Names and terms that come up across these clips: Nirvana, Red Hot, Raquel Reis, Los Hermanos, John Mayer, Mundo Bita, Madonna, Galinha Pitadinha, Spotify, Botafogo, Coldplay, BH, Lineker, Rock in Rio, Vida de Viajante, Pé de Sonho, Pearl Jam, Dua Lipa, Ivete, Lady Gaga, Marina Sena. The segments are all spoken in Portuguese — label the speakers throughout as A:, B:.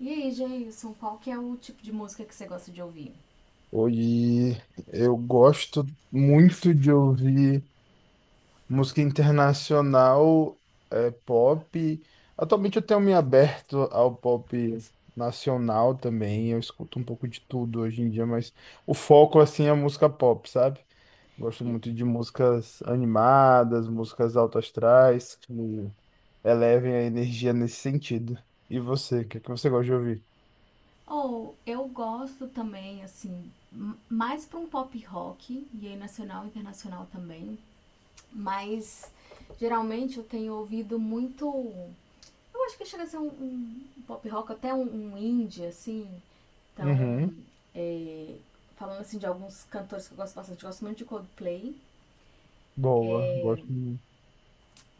A: E aí, Jailson, qual que é o tipo de música que você gosta de ouvir?
B: Hoje eu gosto muito de ouvir música internacional, pop. Atualmente eu tenho me aberto ao pop nacional também. Eu escuto um pouco de tudo hoje em dia, mas o foco assim é música pop, sabe? Gosto
A: E-
B: muito de músicas animadas, músicas alto astrais, que elevem a energia nesse sentido. E você, o que é que você gosta de ouvir?
A: Ou eu gosto também, assim, mais para um pop rock, e aí nacional e internacional também, mas geralmente eu tenho ouvido muito. Eu acho que chega a ser um pop rock, até um indie, assim. Então,
B: Uhum,
A: é, falando assim de alguns cantores que eu gosto bastante, eu gosto muito de Coldplay,
B: boa, gosto muito.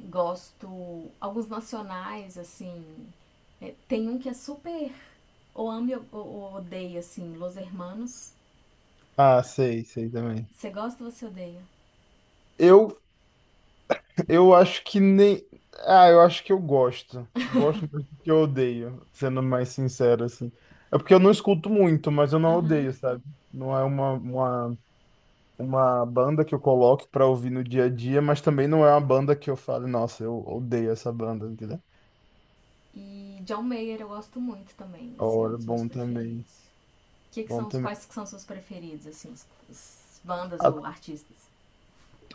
A: gosto alguns nacionais, assim. Tem um que é super ou ame ou odeia, assim, Los Hermanos.
B: Ah, sei, sei também.
A: Você gosta ou você odeia?
B: Eu Eu acho que nem. Ah, eu acho que eu gosto. Gosto mais do que eu odeio, sendo mais sincero, assim. É porque eu não escuto muito, mas eu não odeio,
A: Uhum.
B: sabe? Não é uma banda que eu coloque pra ouvir no dia a dia, mas também não é uma banda que eu falo, nossa, eu odeio essa banda, entendeu?
A: E John Mayer eu gosto muito também, assim, é um
B: Ora,
A: dos meus
B: bom também.
A: preferidos.
B: Bom também.
A: Quais que são seus preferidos, assim, os bandas ou artistas?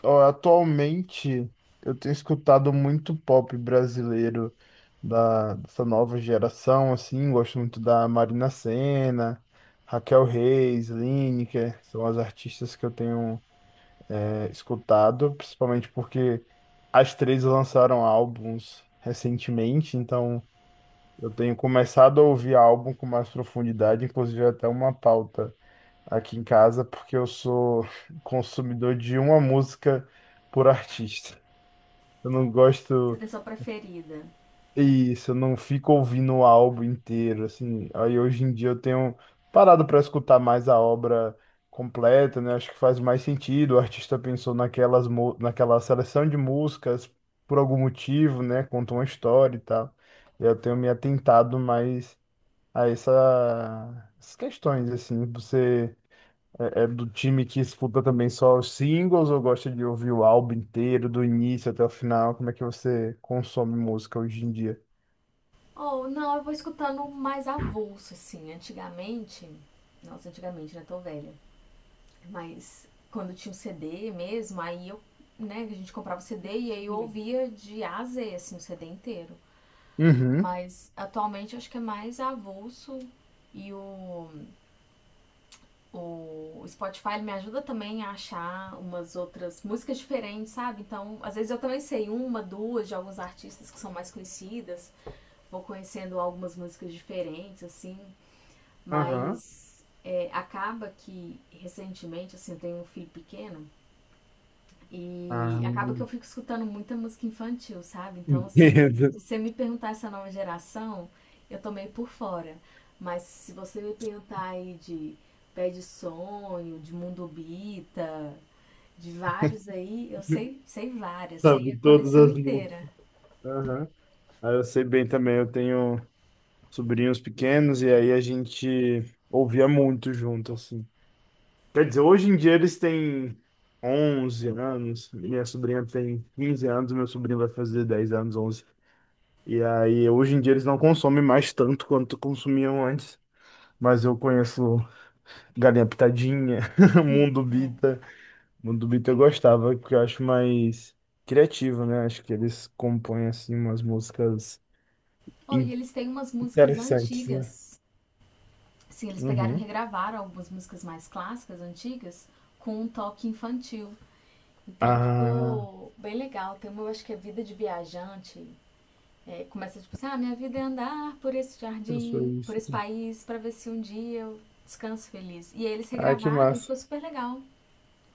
B: Ó, atualmente eu tenho escutado muito pop brasileiro dessa nova geração, assim, gosto muito da Marina Sena, Raquel Reis, Lineker, são as artistas que eu tenho escutado, principalmente porque as três lançaram álbuns recentemente, então eu tenho começado a ouvir álbum com mais profundidade, inclusive até uma pauta aqui em casa, porque eu sou consumidor de uma música por artista. Eu não
A: Você
B: gosto.
A: tem sua preferida?
B: É isso, eu não fico ouvindo o álbum inteiro, assim. Aí hoje em dia eu tenho parado para escutar mais a obra completa, né? Acho que faz mais sentido. O artista pensou naquela seleção de músicas por algum motivo, né? Conta uma história e tal. Eu tenho me atentado mais a essas questões, assim. Você é do time que escuta também só os singles ou gosta de ouvir o álbum inteiro, do início até o final? Como é que você consome música hoje em dia?
A: Ou não, eu vou escutando mais avulso, assim. Antigamente, nossa, antigamente, né? Tô velha. Mas quando tinha um CD mesmo, aí né, a gente comprava o CD e aí eu ouvia de A a Z, assim, o CD inteiro.
B: Uhum.
A: Mas atualmente acho que é mais avulso e o Spotify me ajuda também a achar umas outras músicas diferentes, sabe? Então, às vezes eu também sei uma, duas de alguns artistas que são mais conhecidas, vou conhecendo algumas músicas diferentes, assim,
B: Aham.
A: mas acaba que recentemente, assim, eu tenho um filho pequeno.
B: Ah,
A: E acaba que eu fico escutando muita música infantil, sabe? Então, assim,
B: entendo.
A: se você me perguntar essa nova geração, eu tô meio por fora. Mas se você me perguntar aí de Pé de Sonho, de Mundo Bita, de vários aí, eu sei, sei várias, sei
B: Sabe
A: a
B: todas
A: coleção
B: as
A: inteira.
B: músicas. Aham. Ah, eu sei bem também, eu tenho sobrinhos pequenos e aí a gente ouvia muito junto, assim. Quer dizer, hoje em dia eles têm 11 anos, minha sobrinha tem 15 anos, meu sobrinho vai fazer 10 anos, 11. E aí, hoje em dia eles não consomem mais tanto quanto consumiam antes. Mas eu conheço Galinha Pitadinha, Mundo
A: É.
B: Bita. Mundo Bita eu gostava, porque eu acho mais criativo, né? Acho que eles compõem, assim, umas músicas
A: Oh, e
B: in-
A: eles têm umas músicas
B: interessantes, né?
A: antigas. Sim, eles pegaram e
B: Uhum.
A: regravaram algumas músicas mais clássicas, antigas, com um toque infantil. Então
B: Ah,
A: ficou bem legal. Tem uma, eu acho que é Vida de Viajante. É, começa tipo assim: ah, minha vida é andar por esse
B: professor,
A: jardim, por
B: isso.
A: esse país, pra ver se um dia eu descanso feliz. E aí eles
B: Ah, que
A: regravaram e
B: massa.
A: ficou super legal.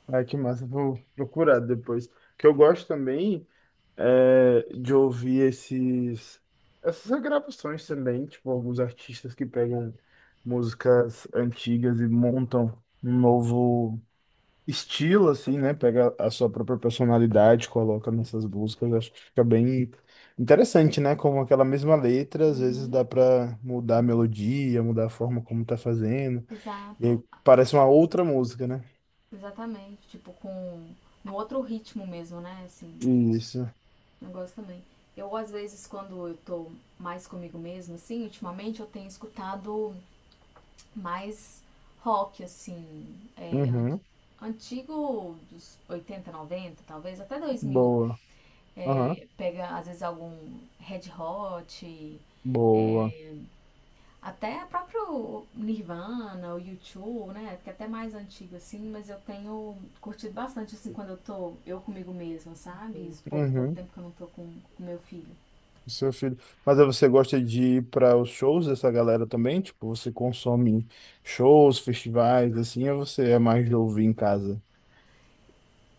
B: Ah, que massa. Vou procurar depois. O Que eu gosto também. É de ouvir essas regravações também, tipo, alguns artistas que pegam músicas antigas e montam um novo estilo, assim, né? Pega a sua própria personalidade, coloca nessas músicas, acho que fica bem interessante, né? Como aquela mesma letra, às vezes
A: Uhum,
B: dá pra mudar a melodia, mudar a forma como tá fazendo, e
A: exato,
B: aí parece uma outra música, né?
A: exatamente. Tipo, com no outro ritmo mesmo, né? Assim,
B: Isso.
A: eu gosto também. Eu, às vezes, quando eu tô mais comigo mesma, assim, ultimamente eu tenho escutado mais rock, assim, é,
B: Uhum.
A: antigo dos 80 90 talvez, até 2000.
B: Boa. Aham.
A: Pega, às vezes, algum Red Hot,
B: Boa.
A: até próprio Nirvana, o u YouTube, né? Que é até mais antigo, assim, mas eu tenho curtido bastante, assim, quando eu tô eu comigo mesma, sabe? Esse pouco, pouco
B: Uhum.
A: tempo que eu não tô com o meu filho.
B: O seu filho. Mas aí você gosta de ir para os shows dessa galera também? Tipo, você consome shows, festivais, assim, ou você é mais de ouvir em casa?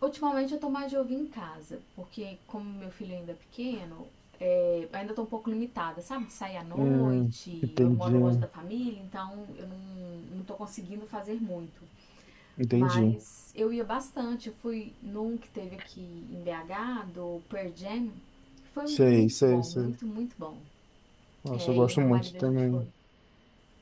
A: Ultimamente eu tô mais de ouvir em casa, porque como meu filho ainda é pequeno, ainda tô um pouco limitada, sabe, de sair à
B: Hum,
A: noite, eu
B: entendi,
A: moro longe da família, então eu não, não tô conseguindo fazer muito.
B: entendi.
A: Mas eu ia bastante, eu fui num que teve aqui em BH, do Pearl Jam, foi
B: Sei,
A: muito
B: sei,
A: bom,
B: sei.
A: muito, muito bom.
B: Nossa, eu
A: E o
B: gosto
A: meu
B: muito
A: marido a gente foi,
B: também.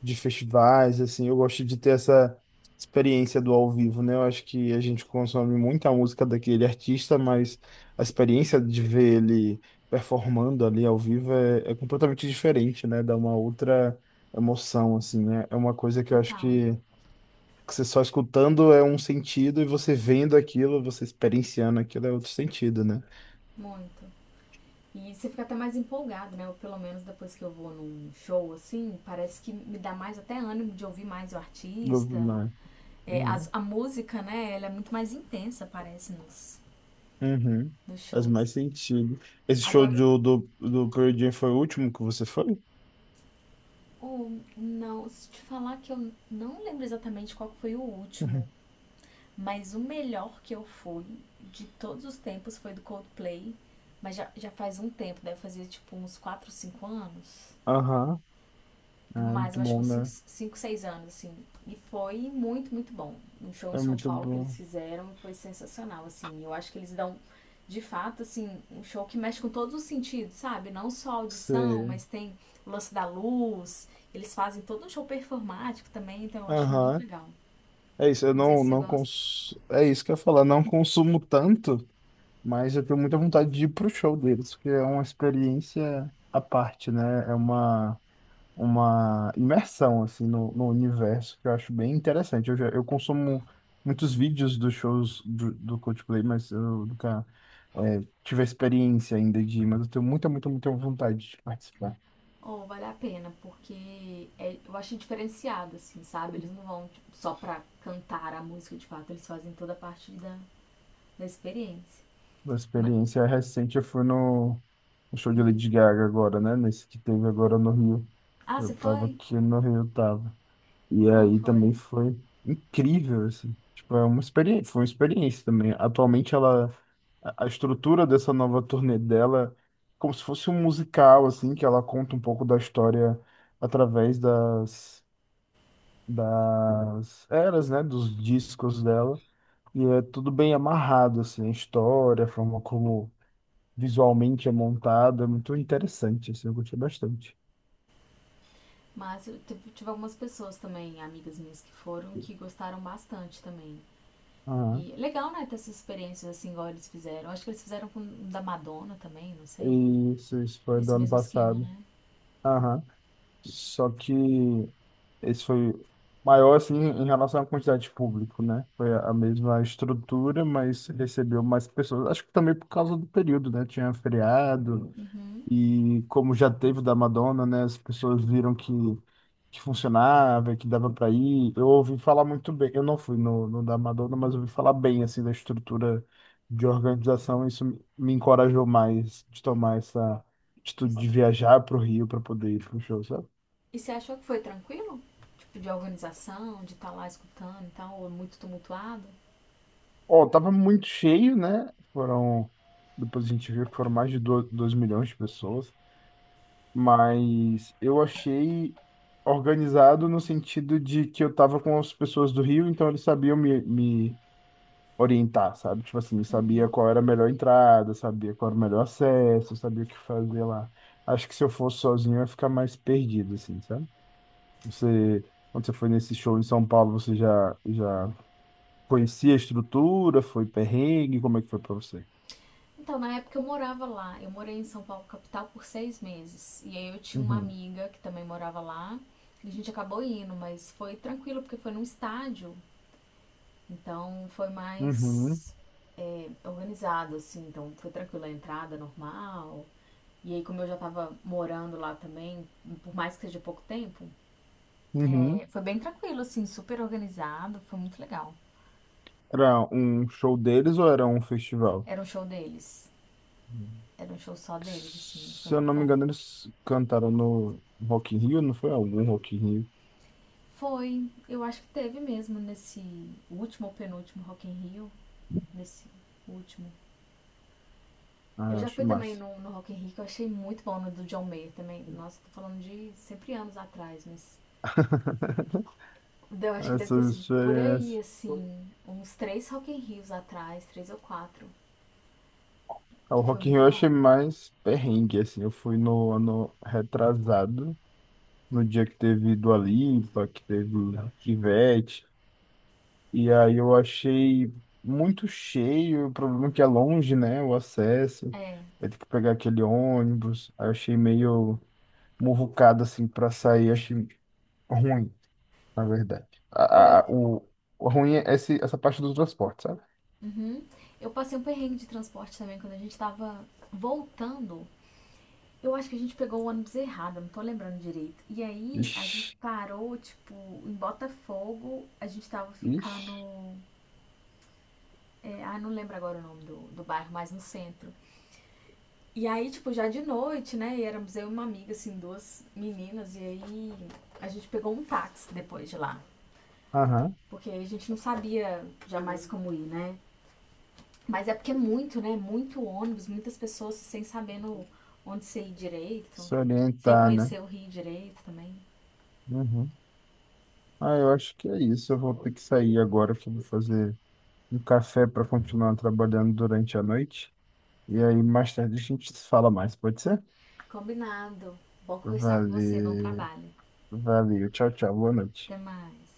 B: De festivais, assim, eu gosto de ter essa experiência do ao vivo, né? Eu acho que a gente consome muita música daquele artista, mas a experiência de ver ele performando ali ao vivo é completamente diferente, né? Dá uma outra emoção, assim, né? É uma coisa que
A: total,
B: que você só escutando é um sentido e você vendo aquilo, você experienciando aquilo é outro sentido, né?
A: muito. E você fica até mais empolgado, né? Ou pelo menos depois que eu vou num show, assim, parece que me dá mais até ânimo de ouvir mais o
B: Eu-
A: artista.
B: né? Uhum.
A: A música, né? Ela é muito mais intensa, parece, nos,
B: Uhum.
A: nos
B: Faz
A: shows.
B: mais sentido. Esse show
A: Agora,
B: do Pearl Jam foi o último que você foi?
A: o não, se te falar que eu não lembro exatamente qual que foi o último,
B: Uhum.
A: mas o melhor que eu fui de todos os tempos foi do Coldplay. Mas já faz um tempo, deve fazer tipo uns 4, 5 anos.
B: Aham. Ah,
A: Mas
B: muito
A: eu acho que
B: bom, né?
A: uns 5, 6 anos, assim. E foi muito, muito bom. Um show em
B: É
A: São
B: muito
A: Paulo que eles
B: bom.
A: fizeram foi sensacional, assim. Eu acho que eles dão, de fato, assim, um show que mexe com todos os sentidos, sabe? Não só a audição,
B: Sei.
A: mas tem o lance da luz. Eles fazem todo um show performático também, então eu acho muito
B: Aham.
A: legal.
B: É isso, eu
A: Não sei se
B: não,
A: você
B: não
A: gosta.
B: É isso que eu ia falar, não consumo tanto, mas eu tenho muita vontade de ir pro show deles, porque é uma experiência à parte, né? É uma imersão, assim, no universo, que eu acho bem interessante. Eu consumo muitos vídeos dos shows do Coldplay, mas eu nunca tive a experiência ainda de ir, mas eu tenho muita vontade de participar.
A: Ou vale a pena, porque eu acho diferenciado, assim, sabe? Eles não vão tipo, só pra cantar a música de fato, eles fazem toda a parte da experiência.
B: Uma
A: Ma-
B: experiência recente, eu fui no show de
A: hum.
B: Lady Gaga agora, né? Nesse que teve agora no Rio.
A: Ah,
B: Eu
A: você
B: tava
A: foi?
B: aqui no Rio, eu tava.
A: E
B: E
A: como
B: aí
A: foi?
B: também foi incrível, assim. Tipo, é uma experiência, foi uma experiência também. Atualmente a estrutura dessa nova turnê dela, é como se fosse um musical, assim, que ela conta um pouco da história através das eras, né? Dos discos dela. E é tudo bem amarrado, assim, a história, a forma como visualmente é montado, é muito interessante, assim, eu gostei bastante.
A: Mas eu tive algumas pessoas também, amigas minhas que foram, que gostaram bastante também.
B: Aham.
A: E é legal, né, ter essas experiências assim, igual eles fizeram. Acho que eles fizeram com o da Madonna também, não sei.
B: Isso foi do
A: Nesse
B: ano
A: mesmo esquema,
B: passado.
A: né?
B: Aham. Só que esse foi maior, assim, em relação à quantidade de público, né? Foi a mesma estrutura, mas recebeu mais pessoas. Acho que também por causa do período, né? Tinha feriado.
A: Uhum.
B: E como já teve o da Madonna, né, as pessoas viram que funcionava, que dava para ir. Eu ouvi falar muito bem. Eu não fui no da Madonna, mas ouvi falar bem assim da estrutura de organização. Isso me encorajou mais de tomar essa
A: E,
B: atitude de viajar para o Rio para poder ir pro show, sabe?
A: e você achou que foi tranquilo? Tipo, de organização, de estar lá escutando e tal, ou é muito tumultuado?
B: Ó, tava muito cheio, né? Foram. Depois a gente viu que foram mais de 2 milhões de pessoas. Mas eu achei organizado no sentido de que eu tava com as pessoas do Rio, então eles sabiam me orientar, sabe? Tipo assim, sabia qual era a melhor entrada, sabia qual era o melhor acesso, sabia o que fazer lá. Acho que se eu fosse sozinho eu ia ficar mais perdido, assim, sabe? Você, quando você foi nesse show em São Paulo, já conhecia a estrutura, foi perrengue, como é que foi pra você?
A: Então, na época eu morava lá. Eu morei em São Paulo, capital, por 6 meses. E aí eu tinha uma
B: Uhum.
A: amiga que também morava lá. E a gente acabou indo, mas foi tranquilo, porque foi num estádio. Então foi
B: Uhum.
A: mais organizado, assim. Então foi tranquilo a entrada, normal. E aí, como eu já tava morando lá também, por mais que seja pouco tempo,
B: Uhum.
A: foi bem tranquilo, assim, super organizado. Foi muito legal.
B: Era um show deles ou era um festival?
A: Era um show deles. Era um show só deles, assim. Foi
B: Se eu
A: muito
B: não me
A: bom.
B: engano, eles cantaram no Rock in Rio, não foi algum Rock in Rio?
A: Foi, eu acho que teve mesmo nesse último ou penúltimo Rock in Rio, nesse último. Eu
B: Ah,
A: já
B: acho
A: fui também
B: massa.
A: no Rock in Rio, que eu achei muito bom, no do John Mayer também. Nossa, tô falando de sempre anos atrás, mas eu acho que deve ter
B: Essas
A: sido por aí,
B: experiências.
A: assim, uns três Rock in Rios atrás, três ou quatro,
B: Ah, o
A: que foi
B: Rock in
A: muito
B: Rio eu
A: bom.
B: achei mais perrengue, assim. Eu fui no ano retrasado, no dia que teve Dua Lipa, que teve Ivete. E aí eu achei muito cheio, o problema é que é longe, né, o acesso.
A: É,
B: Vai ter que pegar aquele ônibus. Aí eu achei meio muvucado, assim, pra sair. Achei ruim. Na verdade.
A: foi...
B: O ruim é essa parte do transporte, sabe?
A: Uhum. Eu passei um perrengue de transporte também, quando a gente tava voltando. Eu acho que a gente pegou o ônibus errado, não tô lembrando direito. E aí a gente
B: Ixi,
A: parou, tipo, em Botafogo, a gente tava
B: ixi.
A: ficando. Ah, não lembro agora o nome do bairro, mas no centro. E aí, tipo, já de noite, né? E éramos eu e uma amiga, assim, duas meninas, e aí a gente pegou um táxi depois de lá.
B: Aham.
A: Porque a gente não sabia jamais como ir, né? Mas é porque é muito, né? Muito ônibus, muitas pessoas sem sabendo onde você ir direito,
B: Se
A: sem
B: orientar, né?
A: conhecer o Rio direito também.
B: Uhum. Ah, eu acho que é isso. Eu vou ter que sair agora, que eu vou fazer um café para continuar trabalhando durante a noite. E aí, mais tarde, a gente se fala mais, pode ser?
A: Combinado. Bom conversar com você. Bom
B: Valeu,
A: trabalho.
B: valeu. Tchau, tchau. Boa noite.
A: Até mais.